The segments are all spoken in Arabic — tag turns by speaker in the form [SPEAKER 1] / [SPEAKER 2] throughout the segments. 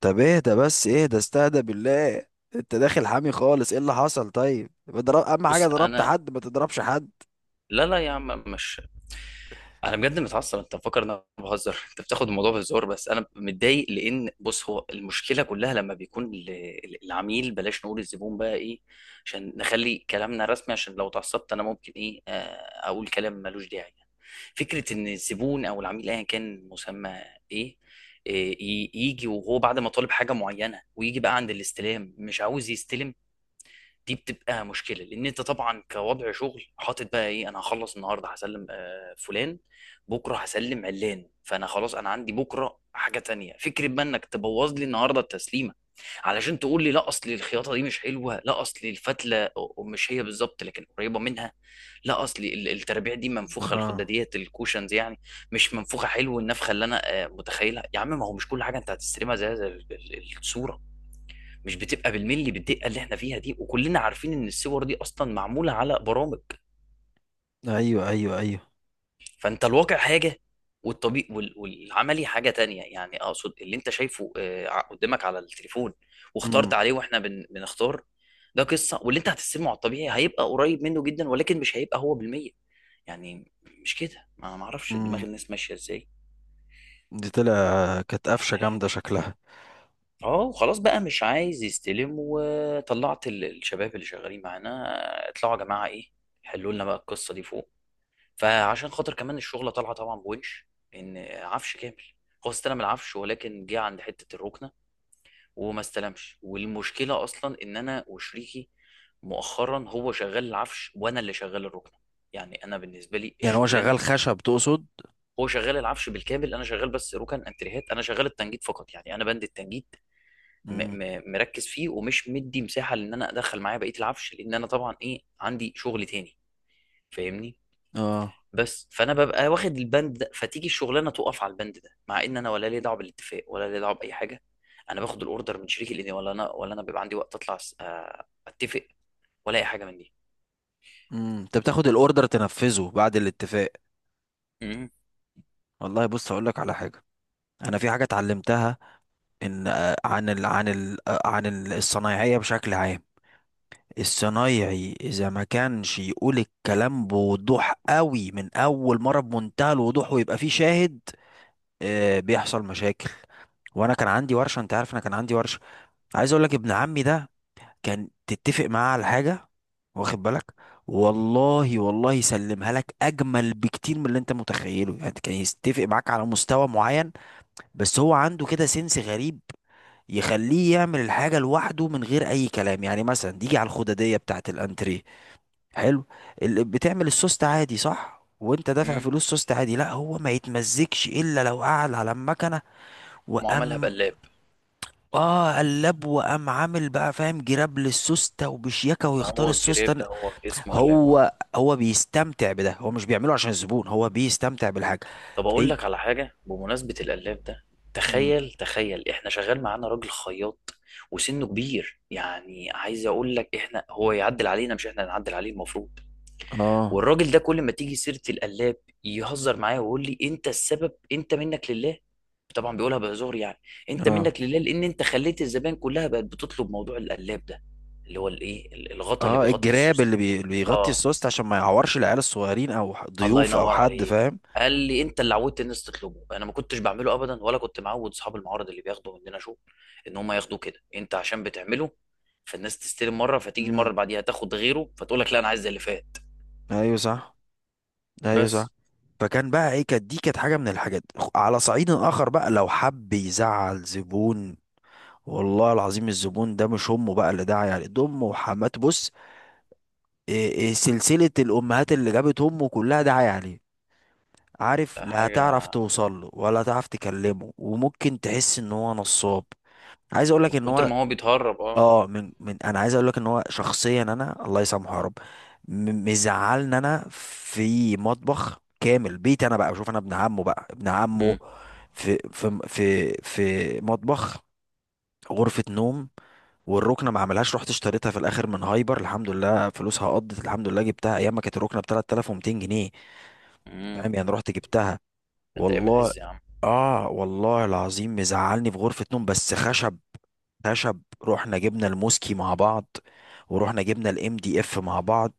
[SPEAKER 1] طب اهدى بس اهدى، استهدى بالله. انت داخل حامي خالص، ايه اللي حصل؟ طيب، بضرب اهم حاجه
[SPEAKER 2] بص
[SPEAKER 1] ضربت
[SPEAKER 2] انا.
[SPEAKER 1] حد، ما تضربش حد.
[SPEAKER 2] لا يا عم، مش انا بجد متعصب. انت مفكر ان انا بهزر، انت بتاخد الموضوع بهزار، بس انا متضايق لان بص، هو المشكله كلها لما بيكون العميل بلاش نقول الزبون بقى ايه، عشان نخلي كلامنا رسمي، عشان لو اتعصبت انا ممكن ايه، اقول كلام ملوش داعي يعني. فكره ان الزبون او العميل ايا كان مسمى ايه، يجي وهو بعد ما طالب حاجه معينه ويجي بقى عند الاستلام مش عاوز يستلم. دي بتبقى مشكله لان انت طبعا كوضع شغل حاطط بقى ايه، انا هخلص النهارده هسلم فلان، بكره هسلم علان، فانا خلاص انا عندي بكره حاجه تانية. فكره بقى انك تبوظ لي النهارده التسليمه علشان تقول لي لا اصل الخياطه دي مش حلوه، لا اصل الفتله مش هي بالظبط لكن قريبه منها، لا اصل الترابيع دي منفوخه،
[SPEAKER 1] اه.
[SPEAKER 2] الخداديات الكوشنز يعني مش منفوخه، حلو النفخه اللي انا متخيلها. يا عم، ما هو مش كل حاجه انت هتستلمها زي زي الصوره مش بتبقى بالملي بالدقه اللي احنا فيها دي، وكلنا عارفين ان الصور دي اصلا معموله على برامج.
[SPEAKER 1] ايوه، ايوه، ايوه.
[SPEAKER 2] فانت الواقع حاجه، والطبيعي والعملي حاجه تانية، يعني اقصد اللي انت شايفه قدامك على التليفون واخترت
[SPEAKER 1] امم.
[SPEAKER 2] عليه، واحنا بنختار، ده قصه، واللي انت هتستلمه على الطبيعي هيبقى قريب منه جدا ولكن مش هيبقى هو بالمية يعني. مش كده، ما اعرفش دماغ
[SPEAKER 1] امم.
[SPEAKER 2] الناس ماشيه ازاي.
[SPEAKER 1] دي طلع كانت قفشه جامده شكلها.
[SPEAKER 2] اه، خلاص بقى مش عايز يستلم، وطلعت الشباب اللي شغالين معانا، اطلعوا يا جماعه ايه، حلوا لنا بقى القصه دي فوق. فعشان خاطر كمان الشغلة طالعة طبعا بونش، ان عفش كامل، هو استلم العفش ولكن جه عند حتة الركنة وما استلمش. والمشكلة اصلا ان انا وشريكي مؤخرا هو شغال العفش وانا اللي شغال الركنة، يعني انا بالنسبة لي
[SPEAKER 1] يعني هو شغال
[SPEAKER 2] الشغلانة،
[SPEAKER 1] خشب تقصد؟
[SPEAKER 2] هو شغال العفش بالكامل، انا شغال بس ركن انتريهات، انا شغال التنجيد فقط، يعني انا بند التنجيد م
[SPEAKER 1] امم.
[SPEAKER 2] م مركز فيه ومش مدي مساحة لان انا ادخل معايا بقية العفش، لان انا طبعا ايه عندي شغل تاني، فاهمني.
[SPEAKER 1] اه.
[SPEAKER 2] بس فانا ببقى واخد البند ده، فتيجي الشغلانه تقف على البند ده مع ان انا ولا لي دعوه بالاتفاق ولا لي دعوه باي حاجه، انا باخد الاوردر من شريك الاني، ولا انا، ولا انا بيبقى عندي وقت اطلع اتفق ولا اي حاجه من دي.
[SPEAKER 1] امم. انت بتاخد الاوردر تنفذه بعد الاتفاق.
[SPEAKER 2] امم
[SPEAKER 1] والله بص اقول لك على حاجه. انا في حاجه اتعلمتها، ان عن ال عن ال عن الصنايعيه بشكل عام. الصنايعي اذا ما كانش يقول الكلام بوضوح قوي من اول مره بمنتهى الوضوح ويبقى فيه شاهد، بيحصل مشاكل. وانا كان عندي ورشه، انت عارف انا كان عندي ورشه، عايز اقول لك ابن عمي ده، كان تتفق معاه على حاجه، واخد بالك، والله والله يسلمها لك اجمل بكتير من اللي انت متخيله. يعني كان يتفق معاك على مستوى معين، بس هو عنده كده سنس غريب يخليه يعمل الحاجه لوحده من غير اي كلام. يعني مثلا تيجي على الخداديه بتاعه الانتريه، حلو، بتعمل السوست عادي صح، وانت دافع
[SPEAKER 2] امم
[SPEAKER 1] فلوس سوست عادي، لا هو ما يتمزجش الا لو قعد على المكنه
[SPEAKER 2] معاملها
[SPEAKER 1] وقام.
[SPEAKER 2] بقلاب.
[SPEAKER 1] اه، قلب وقام عامل بقى فاهم جراب للسوسته وبشياكه
[SPEAKER 2] ما
[SPEAKER 1] ويختار
[SPEAKER 2] هو الجريب
[SPEAKER 1] السوسته.
[SPEAKER 2] ده هو اسمه قلاب، اه.
[SPEAKER 1] هو بيستمتع بده، هو مش بيعمله عشان الزبون، هو بيستمتع بالحاجه.
[SPEAKER 2] طب اقول
[SPEAKER 1] ايه.
[SPEAKER 2] لك على حاجه بمناسبه القلاب ده،
[SPEAKER 1] مم.
[SPEAKER 2] تخيل تخيل، احنا شغال معانا راجل خياط وسنه كبير، يعني عايز اقول لك احنا هو يعدل علينا مش احنا اللي نعدل عليه المفروض.
[SPEAKER 1] اه،
[SPEAKER 2] والراجل ده كل ما تيجي سيره القلاب يهزر معايا ويقول لي انت السبب، انت منك لله، طبعا بيقولها بهزار يعني. انت
[SPEAKER 1] اه،
[SPEAKER 2] منك لله لان انت خليت الزبائن كلها بقت بتطلب موضوع القلاب ده، اللي هو الايه، الغطا اللي
[SPEAKER 1] اه،
[SPEAKER 2] بيغطي
[SPEAKER 1] الجراب
[SPEAKER 2] السوس
[SPEAKER 1] اللي,
[SPEAKER 2] ده.
[SPEAKER 1] بي... اللي بيغطي
[SPEAKER 2] اه،
[SPEAKER 1] السوست عشان ما يعورش العيال الصغيرين او
[SPEAKER 2] الله
[SPEAKER 1] ضيوف او
[SPEAKER 2] ينور
[SPEAKER 1] حد،
[SPEAKER 2] عليك.
[SPEAKER 1] فاهم.
[SPEAKER 2] قال لي انت اللي عودت الناس تطلبه، انا ما كنتش بعمله ابدا، ولا كنت معود اصحاب المعارض اللي بياخدوا مننا شغل ان هم ياخدوه كده، انت عشان بتعمله فالناس تستلم مره فتيجي المره
[SPEAKER 1] مم.
[SPEAKER 2] اللي بعديها تاخد غيره فتقول لك لا، انا عايز زي اللي فات.
[SPEAKER 1] ايوه صح. ايوه صح.
[SPEAKER 2] بس.
[SPEAKER 1] فكان بقى ايه، كانت دي كانت حاجه من الحاجات. على صعيد اخر بقى، لو حب يزعل زبون، والله العظيم الزبون ده مش امه بقى اللي داعي عليه، ده امه وحماته، بص، إيه إيه، سلسله الامهات اللي جابت امه كلها داعي عليه. عارف،
[SPEAKER 2] ده
[SPEAKER 1] لا
[SPEAKER 2] حاجه
[SPEAKER 1] هتعرف توصل له ولا هتعرف تكلمه، وممكن تحس ان هو نصاب. عايز اقول
[SPEAKER 2] من
[SPEAKER 1] لك ان
[SPEAKER 2] كتر
[SPEAKER 1] هو،
[SPEAKER 2] ما هو بيتهرب، اه.
[SPEAKER 1] اه من انا عايز اقول لك ان هو شخصيا، انا الله يسامحه يا رب، مزعلني. انا في مطبخ كامل بيتي، انا بقى بشوف انا ابن عمه بقى ابن عمه،
[SPEAKER 2] مم.
[SPEAKER 1] في مطبخ، غرفة نوم، والركنه ما عملهاش، رحت اشتريتها في الاخر من هايبر، الحمد لله فلوسها قضت الحمد لله، جبتها ايام ما كانت الركنه ب 3200 جنيه.
[SPEAKER 2] مم.
[SPEAKER 1] فاهم، يعني رحت جبتها،
[SPEAKER 2] انت ايمن
[SPEAKER 1] والله.
[SPEAKER 2] عز يا عم.
[SPEAKER 1] اه والله العظيم مزعلني في غرفة نوم، بس خشب، خشب رحنا جبنا الموسكي مع بعض، ورحنا جبنا الام دي اف مع بعض،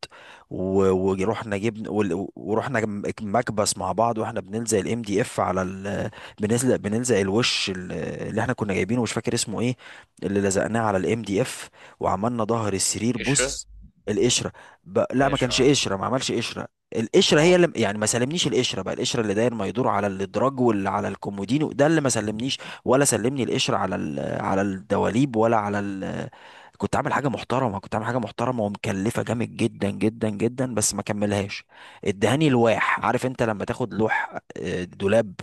[SPEAKER 1] و- ورحنا جبنا وال- ورحنا جم- مكبس مع بعض. واحنا بنلزق الام دي اف على بنلزق الوش اللي احنا كنا جايبينه، مش فاكر اسمه ايه، اللي لزقناه على الام دي اف وعملنا ظهر السرير،
[SPEAKER 2] القشره،
[SPEAKER 1] بص، القشرة، لا ما
[SPEAKER 2] القشره،
[SPEAKER 1] كانش
[SPEAKER 2] آه.
[SPEAKER 1] قشرة ما عملش قشرة. القشره هي
[SPEAKER 2] مال.
[SPEAKER 1] اللي يعني ما سلمنيش، القشره بقى القشره اللي داير ما يدور على الادراج واللي على الكومودينو ده اللي ما سلمنيش، ولا سلمني القشره على على الدواليب كنت عامل حاجه محترمه، كنت عامل حاجه محترمه ومكلفه جامد جدا جدا جدا، بس ما كملهاش. ادهاني
[SPEAKER 2] مم.
[SPEAKER 1] لواح. عارف انت لما تاخد لوح دولاب،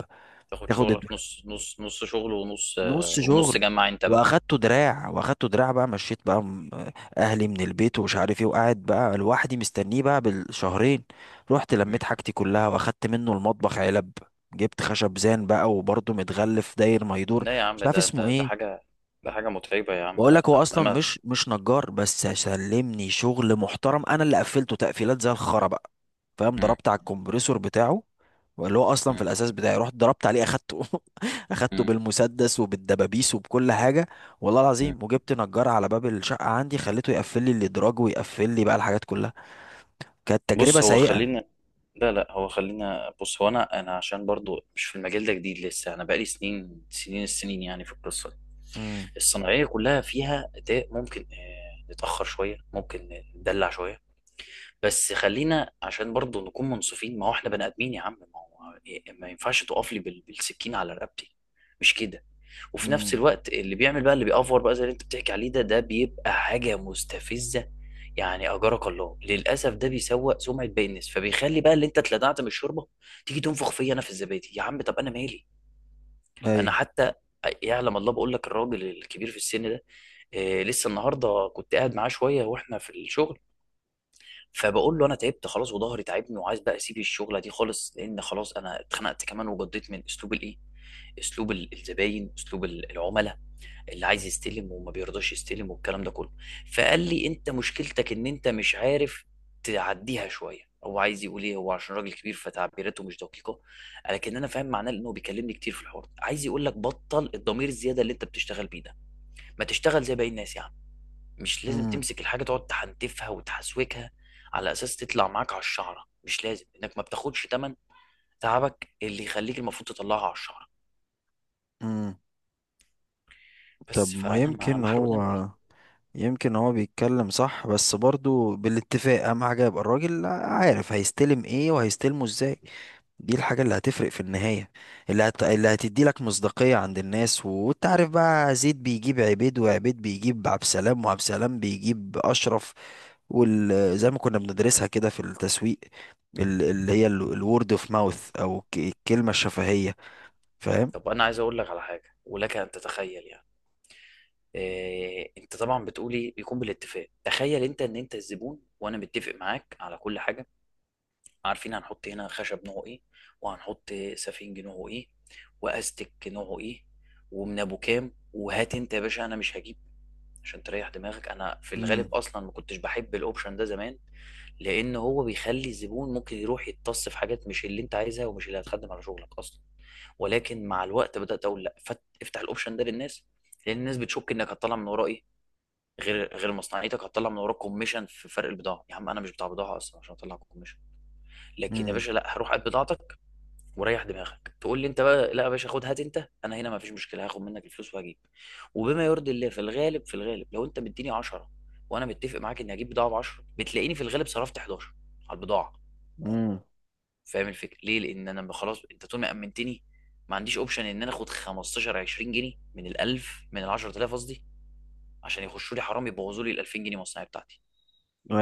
[SPEAKER 2] تاخد
[SPEAKER 1] تاخد الد-
[SPEAKER 2] شغلك نص نص نص شغل ونص،
[SPEAKER 1] نص شغل،
[SPEAKER 2] ونص جمع انت بقى.
[SPEAKER 1] واخدته دراع واخدته دراع بقى، مشيت بقى، اهلي من البيت ومش عارف ايه، وقاعد بقى لوحدي مستنيه بقى بالشهرين. رحت
[SPEAKER 2] مم.
[SPEAKER 1] لميت حاجتي كلها واخدت منه المطبخ علب، جبت خشب زان بقى وبرضه متغلف داير ما يدور،
[SPEAKER 2] لا يا
[SPEAKER 1] مش
[SPEAKER 2] عم،
[SPEAKER 1] عارف
[SPEAKER 2] ده
[SPEAKER 1] اسمه
[SPEAKER 2] ده ده
[SPEAKER 1] ايه.
[SPEAKER 2] حاجه، ده حاجه متعبه يا عم،
[SPEAKER 1] بقول
[SPEAKER 2] لا
[SPEAKER 1] لك هو
[SPEAKER 2] لا لا
[SPEAKER 1] اصلا
[SPEAKER 2] ما.
[SPEAKER 1] مش نجار، بس سلمني شغل محترم، انا اللي قفلته تقفيلات زي الخرا بقى، فاهم.
[SPEAKER 2] مم.
[SPEAKER 1] ضربت على الكمبريسور بتاعه، اللي هو اصلا في
[SPEAKER 2] مم.
[SPEAKER 1] الاساس بتاعي، رحت ضربت عليه، اخدته اخدته
[SPEAKER 2] مم.
[SPEAKER 1] بالمسدس وبالدبابيس وبكل حاجه، والله
[SPEAKER 2] مم.
[SPEAKER 1] العظيم. وجبت نجار على باب الشقه عندي، خليته يقفل لي الادراج ويقفل لي بقى الحاجات كلها. كانت تجربه
[SPEAKER 2] بص هو
[SPEAKER 1] سيئه.
[SPEAKER 2] خلينا، لا لا هو خلينا، بص هو انا عشان برضو مش في المجال ده جديد لسه، انا بقالي سنين سنين السنين يعني في القصه دي،
[SPEAKER 1] امم.
[SPEAKER 2] الصناعيه كلها فيها ده. ممكن نتاخر شويه، ممكن ندلع شويه، بس خلينا عشان برضو نكون منصفين، ما هو احنا بني ادمين يا عم، ما هو إيه، إيه، ما ينفعش تقف لي بالسكين على رقبتي، مش كده. وفي نفس
[SPEAKER 1] امم.
[SPEAKER 2] الوقت اللي بيعمل بقى اللي بيأفور بقى زي اللي انت بتحكي عليه ده ده بيبقى حاجة مستفزة يعني، اجرك الله. للاسف ده بيسوء سمعة باقي الناس، فبيخلي بقى اللي انت اتلدعت من الشوربة تيجي تنفخ فيا انا في الزبادي. يا عم طب انا مالي؟ انا
[SPEAKER 1] ايوه.
[SPEAKER 2] حتى، يعلم الله، بقول لك الراجل الكبير في السن ده لسه النهارده كنت قاعد معاه شويه واحنا في الشغل، فبقول له انا تعبت خلاص وظهري تعبني وعايز بقى اسيب الشغله دي خالص، لان خلاص انا اتخنقت كمان وجضيت من اسلوب الايه، اسلوب الزباين، اسلوب العملاء اللي عايز يستلم وما بيرضاش يستلم والكلام ده كله. فقال لي انت مشكلتك ان انت مش عارف تعديها شويه. هو عايز يقول ايه، هو عشان راجل كبير فتعبيراته مش دقيقه، لكن انا فاهم معناه لانه بيكلمني كتير في الحوار ده. عايز يقول لك بطل الضمير الزياده اللي انت بتشتغل بيه ده، ما تشتغل زي باقي الناس يا عم. مش لازم
[SPEAKER 1] امم.
[SPEAKER 2] تمسك الحاجة تقعد تحنتفها وتحسوكها على أساس تطلع معاك على الشعرة، مش لازم إنك ما بتاخدش تمن تعبك اللي يخليك المفروض تطلعها على الشعرة.
[SPEAKER 1] امم. طب
[SPEAKER 2] بس
[SPEAKER 1] ما
[SPEAKER 2] فأنا ما محروق دمي.
[SPEAKER 1] يمكن هو بيتكلم صح بس برضو بالاتفاق، اهم حاجه يبقى الراجل عارف هيستلم ايه وهيستلمه ازاي. دي الحاجة اللي هتفرق في النهاية، اللي هتدي لك مصداقية عند الناس، وانت عارف بقى، زيد بيجيب عبيد، وعبيد بيجيب عبد سلام، وعبد سلام بيجيب أشرف، زي ما كنا بندرسها كده في التسويق، اللي هي الورد اوف ماوث او الكلمة الشفهية، فاهم.
[SPEAKER 2] طب أنا عايز أقول لك على حاجة ولك أن تتخيل يعني، إيه أنت طبعا بتقولي بيكون بالاتفاق، تخيل أنت إن أنت الزبون وأنا متفق معاك على كل حاجة، عارفين هنحط هنا خشب نوعه إيه، وهنحط سفنج نوعه إيه، وأستك نوعه إيه، ومن أبو كام، وهات أنت يا باشا أنا مش هجيب، عشان تريح دماغك. انا في
[SPEAKER 1] امم.
[SPEAKER 2] الغالب اصلا ما كنتش بحب الاوبشن ده زمان، لان هو بيخلي الزبون ممكن يروح يتص في حاجات مش اللي انت عايزها ومش اللي هتخدم على شغلك اصلا، ولكن مع الوقت بدات اقول لا، افتح الاوبشن ده للناس، لان الناس بتشك انك هتطلع من وراه ايه، غير مصنعيتك هتطلع من وراك كوميشن في فرق البضاعه. يا عم انا مش بتاع بضاعه اصلا عشان اطلع كوميشن، لكن يا
[SPEAKER 1] امم.
[SPEAKER 2] باشا لا، هروح قد بضاعتك وريح دماغك. تقول لي انت بقى لا يا باشا، خد، هات انت، انا هنا ما فيش مشكله، هاخد منك الفلوس وهجيب، وبما يرضي الله. في الغالب في الغالب لو انت مديني 10 وانا متفق معاك اني هجيب بضاعه ب 10 بتلاقيني في الغالب صرفت 11 على البضاعه.
[SPEAKER 1] امم.
[SPEAKER 2] فاهم الفكره ليه؟ لان انا خلاص، انت طول ما امنتني ما عنديش اوبشن ان انا اخد 15 20 جنيه من ال 1000، من ال 10000 قصدي، عشان يخشوا لي حرام يبوظوا لي ال 2000 جنيه مصنعي بتاعتي.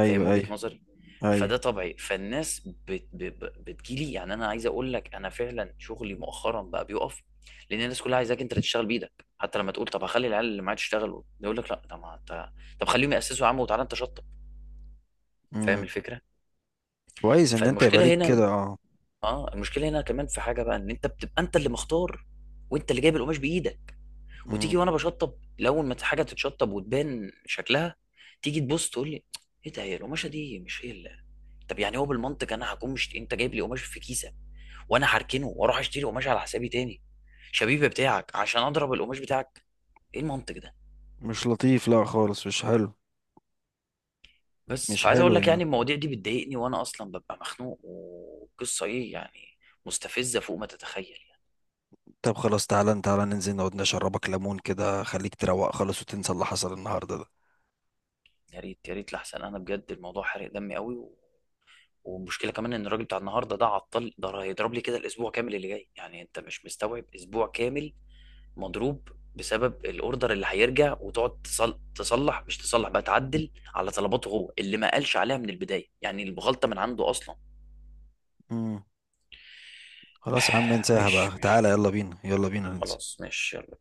[SPEAKER 2] فاهم وجهة
[SPEAKER 1] ايوه،
[SPEAKER 2] نظري.
[SPEAKER 1] ايوه.
[SPEAKER 2] فده طبيعي، فالناس بتجيلي، يعني انا عايز اقول لك انا فعلا شغلي مؤخرا بقى بيقف لان الناس كلها عايزاك انت اللي تشتغل بايدك، حتى لما تقول طب هخلي العيال اللي معايا تشتغل يقول لك لا، طب ما انت، طب خليهم ياسسوا يا عم وتعالى انت شطب. فاهم
[SPEAKER 1] امم.
[SPEAKER 2] الفكره.
[SPEAKER 1] كويس ان انت يبقى
[SPEAKER 2] فالمشكله
[SPEAKER 1] ليك
[SPEAKER 2] هنا إن-
[SPEAKER 1] كده. اه.
[SPEAKER 2] اه، المشكله هنا كمان في حاجه بقى، ان انت بتبقى انت اللي مختار وانت اللي جايب القماش بايدك،
[SPEAKER 1] امم.
[SPEAKER 2] وتيجي وانا بشطب، الاول ما حاجه تتشطب وتبان شكلها تيجي تبص تقول لي ايه ده، هي القماشه دي مش هي اللي. طب يعني هو بالمنطق انا هكون، مش انت جايب لي قماش في كيسه وانا هركنه واروح اشتري قماش على حسابي تاني شبيبه بتاعك عشان اضرب القماش بتاعك، ايه المنطق ده؟
[SPEAKER 1] مش لطيف، لا خالص، مش حلو.
[SPEAKER 2] بس،
[SPEAKER 1] مش
[SPEAKER 2] فعايز اقول
[SPEAKER 1] حلو
[SPEAKER 2] لك يعني
[SPEAKER 1] يعني.
[SPEAKER 2] المواضيع دي بتضايقني وانا اصلا ببقى مخنوق وقصه ايه يعني، مستفزه فوق ما تتخيل يعني.
[SPEAKER 1] طب خلاص، تعالى تعالى ننزل نقعد نشربك ليمون كده، خليك تروق خالص وتنسى اللي حصل النهارده ده.
[SPEAKER 2] يا ريت، يا ريت، لحسن انا بجد الموضوع حرق دمي قوي و... والمشكله كمان ان الراجل بتاع النهارده ده عطل، ده هيضرب لي كده الاسبوع كامل اللي جاي، يعني انت مش مستوعب اسبوع كامل مضروب بسبب الاوردر اللي هيرجع، وتقعد تصلح، مش تصلح بقى تعدل على طلباته هو اللي ما قالش عليها من البدايه، يعني الغلطه من عنده اصلا.
[SPEAKER 1] امم. خلاص يا عم، انساها
[SPEAKER 2] مش
[SPEAKER 1] بقى،
[SPEAKER 2] مش
[SPEAKER 1] تعالى، يلا بينا يلا بينا ننسى.
[SPEAKER 2] خلاص، مش يلا.